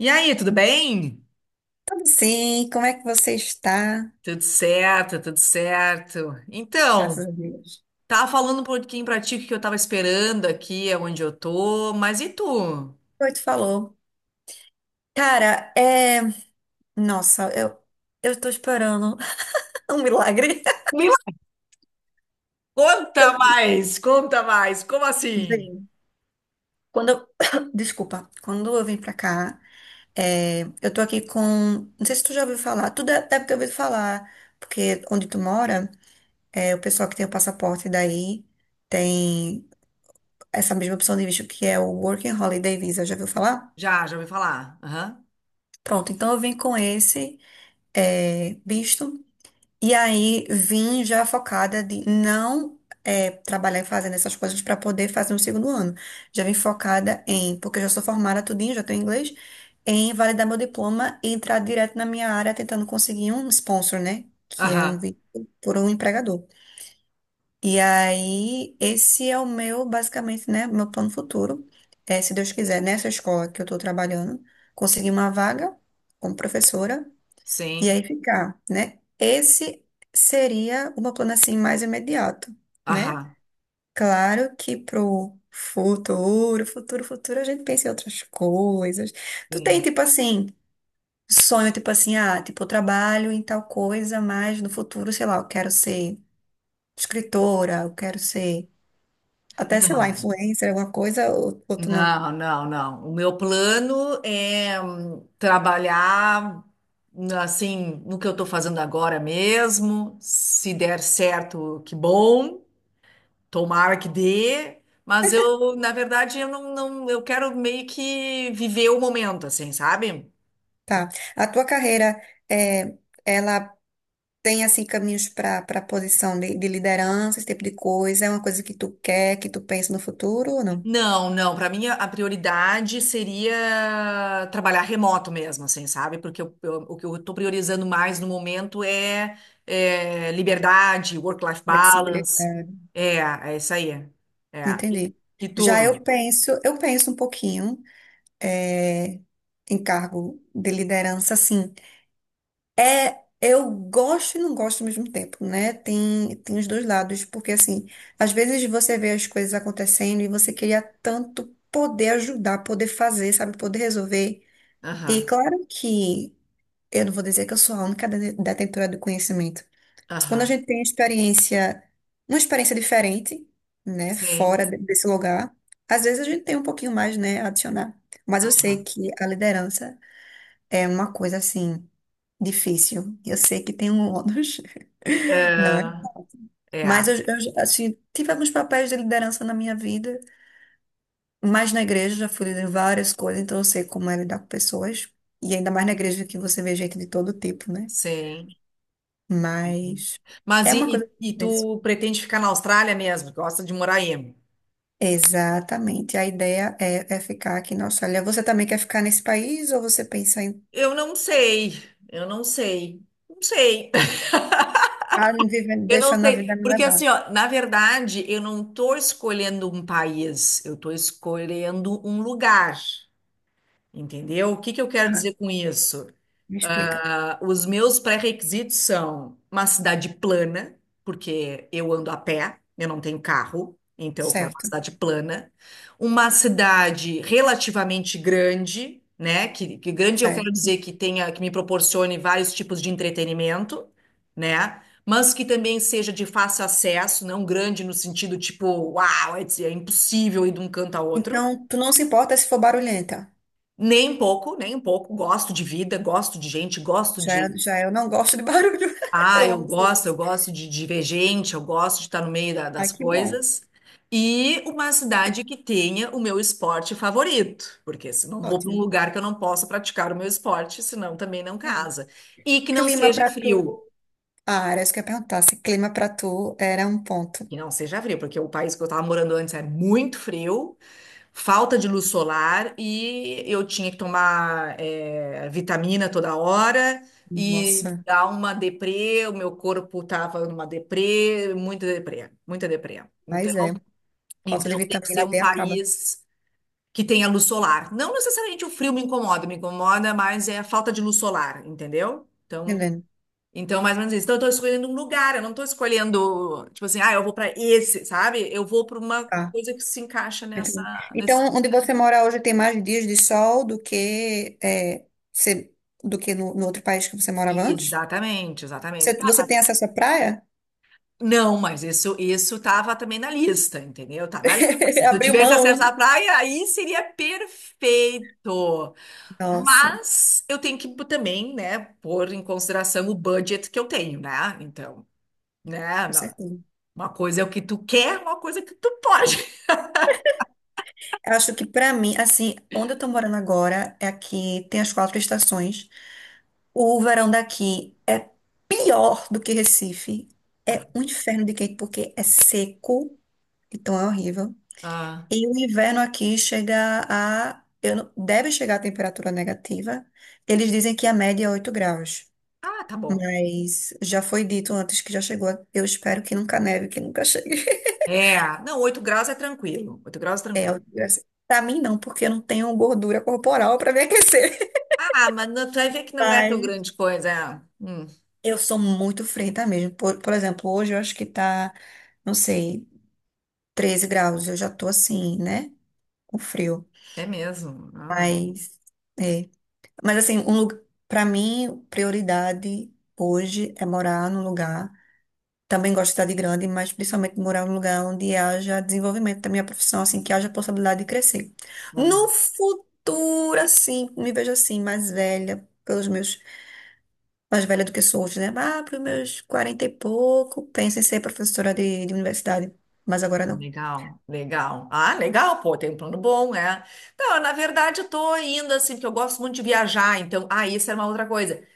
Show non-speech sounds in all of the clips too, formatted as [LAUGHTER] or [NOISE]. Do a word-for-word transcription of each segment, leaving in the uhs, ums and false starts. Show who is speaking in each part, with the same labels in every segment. Speaker 1: E aí, tudo bem?
Speaker 2: Sim, como é que você está?
Speaker 1: Tudo certo, tudo certo. Então,
Speaker 2: Graças a Deus.
Speaker 1: tava falando um pouquinho pra ti o que que eu tava esperando aqui, onde eu tô, mas e tu?
Speaker 2: Oi, tu falou. Cara, é. Nossa, eu, eu tô esperando [LAUGHS] um milagre.
Speaker 1: Me conta
Speaker 2: Eu-
Speaker 1: mais, conta mais, como assim?
Speaker 2: Vem. Quando eu... [COUGHS] Desculpa, quando eu vim pra cá, é, eu tô aqui com. Não sei se tu já ouviu falar, tu deve deve ter ouvido falar, porque onde tu mora, é, o pessoal que tem o passaporte daí tem essa mesma opção de visto que é o Working Holiday Visa, já ouviu falar?
Speaker 1: Já, já ouvi falar. Aham,
Speaker 2: Pronto, então eu vim com esse. é, visto. E aí vim já focada de não é, trabalhar fazendo essas coisas para poder fazer um segundo ano. Já vim focada em, porque eu já sou formada tudinho, já tenho inglês, em validar meu diploma e entrar direto na minha área tentando conseguir um sponsor, né? Que é um
Speaker 1: aham,
Speaker 2: vínculo por um empregador. E aí, esse é o meu, basicamente, né? Meu plano futuro. É, se Deus quiser, nessa escola que eu estou trabalhando, conseguir uma vaga como professora e
Speaker 1: sim,
Speaker 2: aí ficar, né? Esse seria o meu plano assim mais imediato, né?
Speaker 1: aham,
Speaker 2: Claro que pro futuro, futuro, futuro, a gente pensa em outras coisas. Tu tem,
Speaker 1: sim.
Speaker 2: tipo assim, sonho, tipo assim, ah, tipo, eu trabalho em tal coisa, mas no futuro, sei lá, eu quero ser escritora, eu quero ser, até, sei lá, influencer, alguma coisa, ou, ou tu não.
Speaker 1: Não, não, não. O meu plano é hum, trabalhar assim no que eu estou fazendo agora mesmo. Se der certo, que bom. Tomara que dê, mas eu, na verdade, eu não, não, eu quero meio que viver o momento, assim, sabe?
Speaker 2: Tá. A tua carreira é. Ela tem assim caminhos para para posição de, de liderança, esse tipo de coisa? É uma coisa que tu quer, que tu pensa no futuro ou não?
Speaker 1: Não, não, para mim a a prioridade seria trabalhar remoto mesmo, assim, sabe? Porque eu- eu- o que eu estou priorizando mais no momento é, é, liberdade, work-life balance.
Speaker 2: Flexibilidade.
Speaker 1: É, é isso aí. É. E,
Speaker 2: Entendi.
Speaker 1: e
Speaker 2: Já
Speaker 1: tu?
Speaker 2: eu penso, eu penso um pouquinho eh, em cargo de liderança, assim. É, eu gosto e não gosto ao mesmo tempo, né? Tem, tem os dois lados, porque assim, às vezes você vê as coisas acontecendo e você queria tanto poder ajudar, poder fazer, sabe, poder resolver. E
Speaker 1: Aham,
Speaker 2: claro que eu não vou dizer que eu sou a única dene- detentora do conhecimento. Mas quando a
Speaker 1: aham,
Speaker 2: gente tem experiência, uma experiência diferente, né,
Speaker 1: sim,
Speaker 2: fora de- desse lugar, às vezes a gente tem um pouquinho mais, né, a adicionar. Mas eu sei
Speaker 1: aham.
Speaker 2: que a liderança é uma coisa assim difícil. Eu sei que tem um ônus, [LAUGHS] não é?
Speaker 1: É, é,
Speaker 2: Mas eu, eu, assim, tive alguns papéis de liderança na minha vida, mas na igreja já fui líder em várias coisas, então eu sei como é lidar com pessoas. E ainda mais na igreja que você vê gente de todo tipo, né?
Speaker 1: sim.
Speaker 2: Mas
Speaker 1: Mas
Speaker 2: é uma
Speaker 1: e,
Speaker 2: coisa que
Speaker 1: e- e
Speaker 2: eu
Speaker 1: tu pretende ficar na Austrália mesmo? Gosta de morar aí?
Speaker 2: Exatamente. A ideia é, é ficar aqui na Austrália. Você também quer ficar nesse país ou você pensa em
Speaker 1: Eu não sei, eu não sei, não sei,
Speaker 2: ah, vivendo,
Speaker 1: [LAUGHS] eu não
Speaker 2: deixando a
Speaker 1: sei,
Speaker 2: vida me
Speaker 1: porque
Speaker 2: levar?
Speaker 1: assim, ó, na verdade, eu não tô escolhendo um país, eu tô escolhendo um lugar, entendeu? O que que eu quero
Speaker 2: Tá,
Speaker 1: dizer com isso?
Speaker 2: me explica.
Speaker 1: Ah, os meus pré-requisitos são uma cidade plana, porque eu ando a pé, eu não tenho carro, então eu quero uma
Speaker 2: Certo,
Speaker 1: cidade plana. Uma cidade relativamente grande, né? Que, que grande eu quero
Speaker 2: certo.
Speaker 1: dizer que tenha, que me proporcione vários tipos de entretenimento, né? Mas que também seja de fácil acesso, não grande no sentido tipo, uau, é é impossível ir de um canto a outro.
Speaker 2: Então, tu não se importa se for barulhenta.
Speaker 1: Nem um pouco, nem um pouco. Gosto de vida, gosto de gente, gosto
Speaker 2: Já,
Speaker 1: de.
Speaker 2: já eu não gosto de barulho. [LAUGHS]
Speaker 1: Ah,
Speaker 2: Eu
Speaker 1: eu
Speaker 2: amo
Speaker 1: gosto, eu
Speaker 2: silêncio.
Speaker 1: gosto de divergente, eu gosto de estar no meio da-
Speaker 2: Ah,
Speaker 1: das
Speaker 2: que bom.
Speaker 1: coisas. E uma cidade que tenha o meu esporte favorito, porque senão vou para um
Speaker 2: Ótimo.
Speaker 1: lugar que eu não possa praticar o meu esporte, senão também não
Speaker 2: Entendi.
Speaker 1: casa. E que não
Speaker 2: Clima
Speaker 1: seja
Speaker 2: pra tu.
Speaker 1: frio,
Speaker 2: Ah, era isso que eu ia perguntar. Se clima pra tu era um ponto.
Speaker 1: que não seja frio, porque o país que eu estava morando antes é muito frio. Falta de luz solar e eu tinha que tomar eh, vitamina toda hora e
Speaker 2: Nossa,
Speaker 1: dar uma deprê, o meu corpo estava numa deprê, muita deprê, muita deprê.
Speaker 2: mas
Speaker 1: Então,
Speaker 2: é. Falta de
Speaker 1: então tem que ser
Speaker 2: vitamina
Speaker 1: um
Speaker 2: D acaba. Tá.
Speaker 1: país que tenha luz solar. Não necessariamente o frio me incomoda, me incomoda, mas é a falta de luz solar, entendeu? Então,
Speaker 2: Entendendo?
Speaker 1: então mais ou menos isso. Então, eu estou escolhendo um lugar, eu não estou escolhendo, tipo assim, ah, eu vou para esse, sabe? Eu vou para uma
Speaker 2: Tá.
Speaker 1: coisa que se encaixa nessa,
Speaker 2: Entendi. Então,
Speaker 1: nesse.
Speaker 2: onde você mora hoje tem mais dias de sol do que é, você- do que no, no outro país que você morava antes?
Speaker 1: Exatamente, exatamente.
Speaker 2: Você,
Speaker 1: Tá,
Speaker 2: você
Speaker 1: tá.
Speaker 2: tem acesso à praia?
Speaker 1: Não, mas isso isso estava também na lista, entendeu? Tá na lista. Se
Speaker 2: [LAUGHS]
Speaker 1: eu
Speaker 2: Abriu
Speaker 1: tivesse acesso à
Speaker 2: mão?
Speaker 1: praia, aí seria perfeito.
Speaker 2: Nossa,
Speaker 1: Mas eu tenho que também, né, pôr em consideração o budget que eu tenho, né? Então, né,
Speaker 2: com
Speaker 1: não-
Speaker 2: certeza.
Speaker 1: uma coisa é o que tu quer, uma coisa é o que tu pode. [LAUGHS]
Speaker 2: Eu acho que pra mim, assim, onde eu tô morando agora é aqui, tem as quatro estações. O verão daqui é pior do que Recife. É um inferno de quente porque é seco, então é horrível.
Speaker 1: Ah,
Speaker 2: E o inverno aqui chega a. Eu, não- Deve chegar a temperatura negativa. Eles dizem que a média é oito graus.
Speaker 1: ah, tá bom.
Speaker 2: Mas já foi dito antes que já chegou. Eu espero que nunca neve, que nunca chegue. [LAUGHS]
Speaker 1: É, não, oito graus é tranquilo. Oito graus é
Speaker 2: É,
Speaker 1: tranquilo.
Speaker 2: oito graus. Pra mim, não, porque eu não tenho gordura corporal pra me aquecer.
Speaker 1: Ah, mas não- tu vai
Speaker 2: [LAUGHS]
Speaker 1: ver que não é tão
Speaker 2: Mas
Speaker 1: grande coisa. É. Hum,
Speaker 2: eu sou muito frenta mesmo. Por, por exemplo, hoje eu acho que tá, não sei, treze graus. Eu já tô assim, né? Com frio.
Speaker 1: é mesmo. Ah.
Speaker 2: Mas. É. Mas assim, um lugar, para mim, prioridade hoje é morar num lugar. Também gosto de cidade grande, mas principalmente morar num lugar onde haja desenvolvimento da minha profissão, assim, que haja possibilidade de crescer. No futuro, assim, me vejo assim, mais velha, pelos meus, mais velha do que sou hoje, né? Ah, para os meus quarenta e pouco, penso em ser professora de, de universidade, mas agora
Speaker 1: Ah,
Speaker 2: não.
Speaker 1: legal, legal. Ah, legal, pô, tem um plano bom, é. Não, na verdade, eu tô indo assim, porque eu gosto muito de viajar, então, ah, isso era uma outra coisa.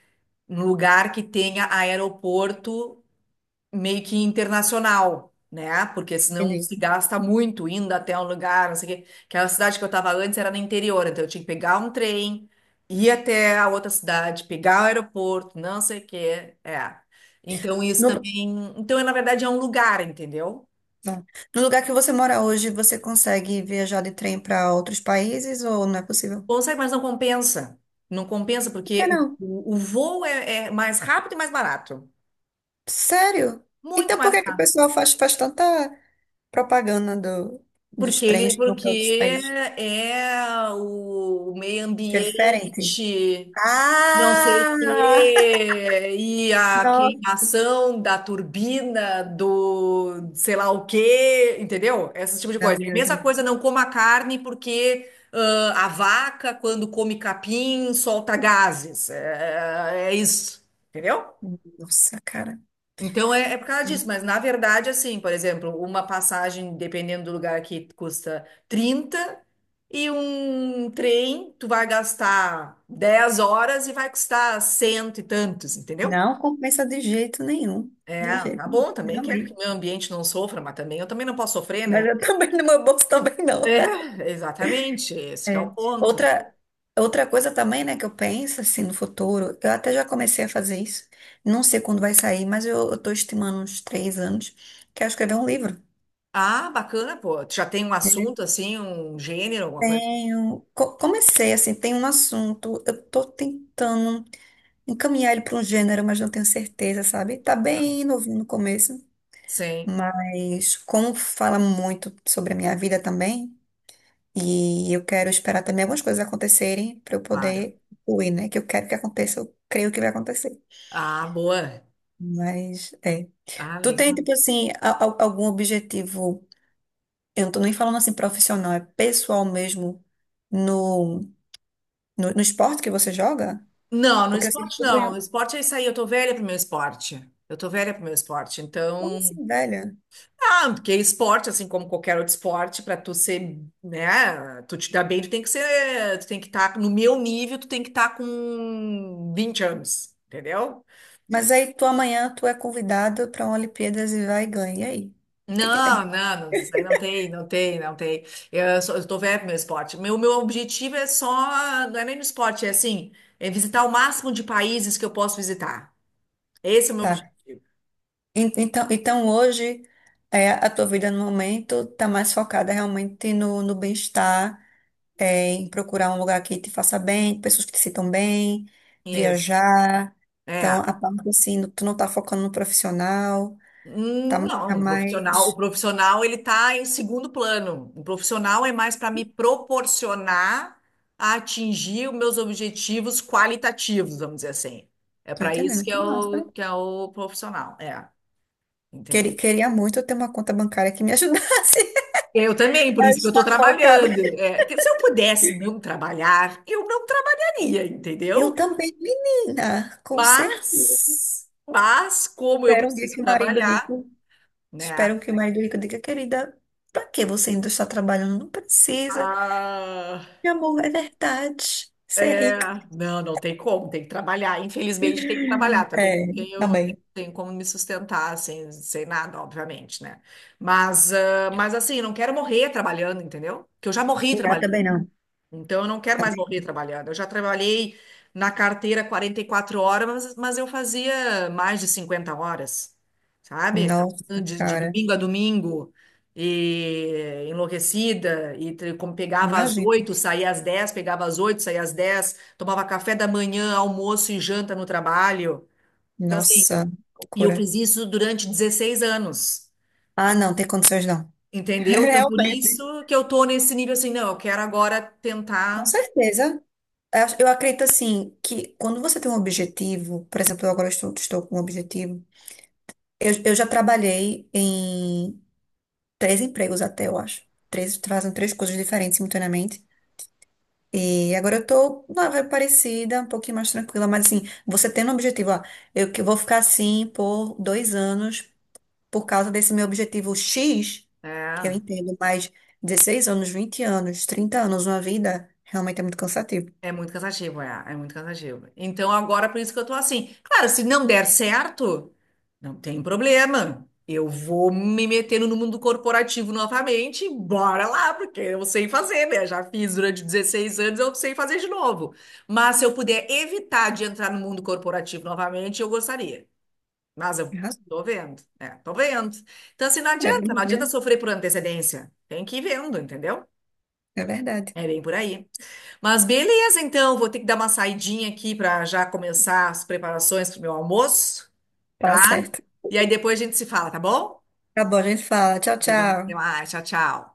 Speaker 1: Um lugar que tenha aeroporto meio que internacional, né? Porque senão
Speaker 2: Entendi.
Speaker 1: se gasta muito indo até um lugar, não sei o quê. Aquela cidade que eu tava antes era no interior, então eu tinha que pegar um trem, ir até a outra cidade, pegar o aeroporto, não sei o quê. É. Então, isso
Speaker 2: No, lu-
Speaker 1: também. Então, na verdade, é um lugar, entendeu?
Speaker 2: não. No lugar que você mora hoje, você consegue viajar de trem para outros países ou não é possível?
Speaker 1: Consegue, mas não compensa. Não compensa
Speaker 2: Por que
Speaker 1: porque
Speaker 2: não?
Speaker 1: o, o, o voo é, é mais rápido e mais barato.
Speaker 2: Sério?
Speaker 1: Muito
Speaker 2: Então por
Speaker 1: mais
Speaker 2: que que o
Speaker 1: caro.
Speaker 2: pessoal faz, faz tanta propaganda do, dos
Speaker 1: Porque ele,
Speaker 2: trens que vão
Speaker 1: porque
Speaker 2: para outros países?
Speaker 1: é o, o meio
Speaker 2: Que é diferente.
Speaker 1: ambiente, não sei o
Speaker 2: Ah!
Speaker 1: quê, e a
Speaker 2: Nossa!
Speaker 1: queimação da turbina do sei lá o quê, entendeu? Esse tipo de
Speaker 2: Não,
Speaker 1: coisa. É a
Speaker 2: meu
Speaker 1: mesma coisa,
Speaker 2: gente.
Speaker 1: não coma carne porque ah, a vaca, quando come capim, solta gases. É, é isso, entendeu?
Speaker 2: Nossa, cara.
Speaker 1: Então é, é por causa disso, mas na verdade, assim, por exemplo, uma passagem, dependendo do lugar aqui, custa trinta e um trem, tu vai gastar dez horas e vai custar cento e tantos, entendeu?
Speaker 2: Não compensa de jeito nenhum. De
Speaker 1: É,
Speaker 2: jeito
Speaker 1: tá
Speaker 2: nenhum.
Speaker 1: bom, também quero que
Speaker 2: Realmente.
Speaker 1: meu ambiente não sofra, mas também eu também não posso sofrer, né?
Speaker 2: Mas eu [LAUGHS] também, no meu bolso também não.
Speaker 1: É, exatamente, esse que é
Speaker 2: É.
Speaker 1: o ponto.
Speaker 2: Outra, outra coisa também, né, que eu penso, assim, no futuro, eu até já comecei a fazer isso. Não sei quando vai sair, mas eu, eu tô estimando uns três anos, que é escrever um livro.
Speaker 1: Ah, bacana, pô. Tu já tem um assunto assim, um gênero, alguma coisa?
Speaker 2: Tenho, co- comecei assim, tem um assunto, eu tô tentando encaminhar ele para um gênero, mas não tenho certeza, sabe? Tá bem novinho no começo,
Speaker 1: Sim,
Speaker 2: mas como fala muito sobre a minha vida também, e eu quero esperar também algumas coisas acontecerem para eu
Speaker 1: claro.
Speaker 2: poder fluir, né? Que eu quero que aconteça, eu creio que vai acontecer.
Speaker 1: Ah, boa.
Speaker 2: Mas é.
Speaker 1: Ah.
Speaker 2: Tu tem, tipo assim, a- a- algum objetivo, eu não tô nem falando assim profissional, é pessoal mesmo no, no no esporte que você joga?
Speaker 1: Não, no
Speaker 2: Porque eu sempre
Speaker 1: esporte
Speaker 2: tô
Speaker 1: não. No
Speaker 2: ganhando.
Speaker 1: esporte é isso aí, eu tô velha pro meu esporte. Eu tô velha pro meu esporte.
Speaker 2: Como
Speaker 1: Então,
Speaker 2: assim, velha?
Speaker 1: ah, porque esporte, assim como qualquer outro esporte, pra tu ser, né, tu te dar bem, tu tem que ser, tu tem que estar no meu nível, tu tem que estar com vinte anos, entendeu?
Speaker 2: Mas aí tu amanhã tu é convidado para uma Olimpíadas e vai e ganha. E aí? O que que
Speaker 1: Não,
Speaker 2: tem?
Speaker 1: não, não, isso aí não tem, não tem, não tem. Eu, sou, eu tô velha pro meu esporte. Meu, meu objetivo é só, não é nem no esporte, é assim, é visitar o máximo de países que eu posso visitar. Esse é o meu
Speaker 2: Tá.
Speaker 1: objetivo.
Speaker 2: En- Então, então hoje é, a tua vida no momento tá mais focada realmente no, no bem-estar, é, em procurar um lugar que te faça bem, pessoas que te sintam bem,
Speaker 1: Isso.
Speaker 2: viajar.
Speaker 1: É.
Speaker 2: Então, a parte assim, tu não tá focando no profissional,
Speaker 1: Hum,
Speaker 2: tá, tá
Speaker 1: não, o profissional, o
Speaker 2: mais.
Speaker 1: profissional ele está em segundo plano. O profissional é mais para me proporcionar a atingir os meus objetivos qualitativos, vamos dizer assim. É
Speaker 2: Tô
Speaker 1: para isso
Speaker 2: entendendo,
Speaker 1: que é
Speaker 2: que massa. Né?
Speaker 1: o que é o profissional, é, entendeu?
Speaker 2: Queria, queria muito eu ter uma conta bancária que me ajudasse.
Speaker 1: Eu também, por
Speaker 2: [LAUGHS]
Speaker 1: isso que eu
Speaker 2: Está
Speaker 1: estou
Speaker 2: focada
Speaker 1: trabalhando. É, que se eu pudesse não trabalhar, eu não trabalharia,
Speaker 2: Eu
Speaker 1: entendeu?
Speaker 2: também, menina, com certeza.
Speaker 1: Mas, mas como eu
Speaker 2: Espero um dia
Speaker 1: preciso
Speaker 2: que o marido
Speaker 1: trabalhar,
Speaker 2: rico,
Speaker 1: né?
Speaker 2: espero que o marido rico diga, querida, pra que você ainda está trabalhando? Não precisa.
Speaker 1: Ah,
Speaker 2: Meu amor, é verdade. Ser
Speaker 1: é,
Speaker 2: rico.
Speaker 1: não, não tem como, tem que trabalhar. Infelizmente, tem que trabalhar também. Não
Speaker 2: É,
Speaker 1: tenho,
Speaker 2: também.
Speaker 1: tenho como me sustentar sem, sem nada, obviamente, né? Mas, ah, mas assim, não quero morrer trabalhando, entendeu? Que eu já morri
Speaker 2: Não,
Speaker 1: trabalhando.
Speaker 2: também não.
Speaker 1: Então, eu não quero mais
Speaker 2: Também.
Speaker 1: morrer trabalhando. Eu já trabalhei na carteira quarenta e quatro horas, mas, mas eu fazia mais de cinquenta horas, sabe? De,
Speaker 2: Nossa,
Speaker 1: de
Speaker 2: cara.
Speaker 1: domingo a domingo, e enlouquecida, e tre- como pegava às
Speaker 2: Imagina.
Speaker 1: oito saía às dez pegava às oito saía às dez tomava café da manhã, almoço e janta no trabalho. Então, assim,
Speaker 2: Nossa,
Speaker 1: e eu
Speaker 2: loucura.
Speaker 1: fiz isso durante dezesseis anos,
Speaker 2: Ah, não, tem condições não. [LAUGHS]
Speaker 1: entendeu? Então, por
Speaker 2: Realmente.
Speaker 1: isso que eu tô nesse nível assim, não, eu quero agora
Speaker 2: Com
Speaker 1: tentar.
Speaker 2: certeza. Eu acho- eu acredito assim que quando você tem um objetivo, por exemplo, eu agora estou, estou com um objetivo. Eu, eu já trabalhei em três empregos até, eu acho. Três, fazem três coisas diferentes simultaneamente. E agora eu tô uma vibe parecida, um pouquinho mais tranquila, mas assim, você tendo um objetivo, ó, eu que vou ficar assim por dois anos por causa desse meu objetivo X, eu
Speaker 1: É.
Speaker 2: entendo, mas dezesseis anos, vinte anos, trinta anos, uma vida, realmente é muito cansativo.
Speaker 1: É muito cansativo, é, é muito cansativo. Então agora por isso que eu tô assim. Claro, se não der certo, não tem problema. Eu vou me metendo no mundo corporativo novamente, e bora lá, porque eu sei fazer, né? Já fiz durante dezesseis anos, eu sei fazer de novo. Mas se eu puder evitar de entrar no mundo corporativo novamente, eu gostaria. Mas eu
Speaker 2: Tem razão.
Speaker 1: tô vendo, né? Tô vendo. Então, assim, não
Speaker 2: É,
Speaker 1: adianta, não
Speaker 2: vamos ver,
Speaker 1: adianta
Speaker 2: né?
Speaker 1: sofrer por antecedência. Tem que ir vendo, entendeu?
Speaker 2: É verdade.
Speaker 1: É bem por aí. Mas beleza, então, vou ter que dar uma saidinha aqui para já começar as preparações para o meu almoço,
Speaker 2: Tá
Speaker 1: tá?
Speaker 2: certo.
Speaker 1: E aí depois a gente se fala, tá bom?
Speaker 2: Tá bom, a gente fala. Tchau,
Speaker 1: Beleza, até
Speaker 2: tchau.
Speaker 1: mais, tchau, tchau.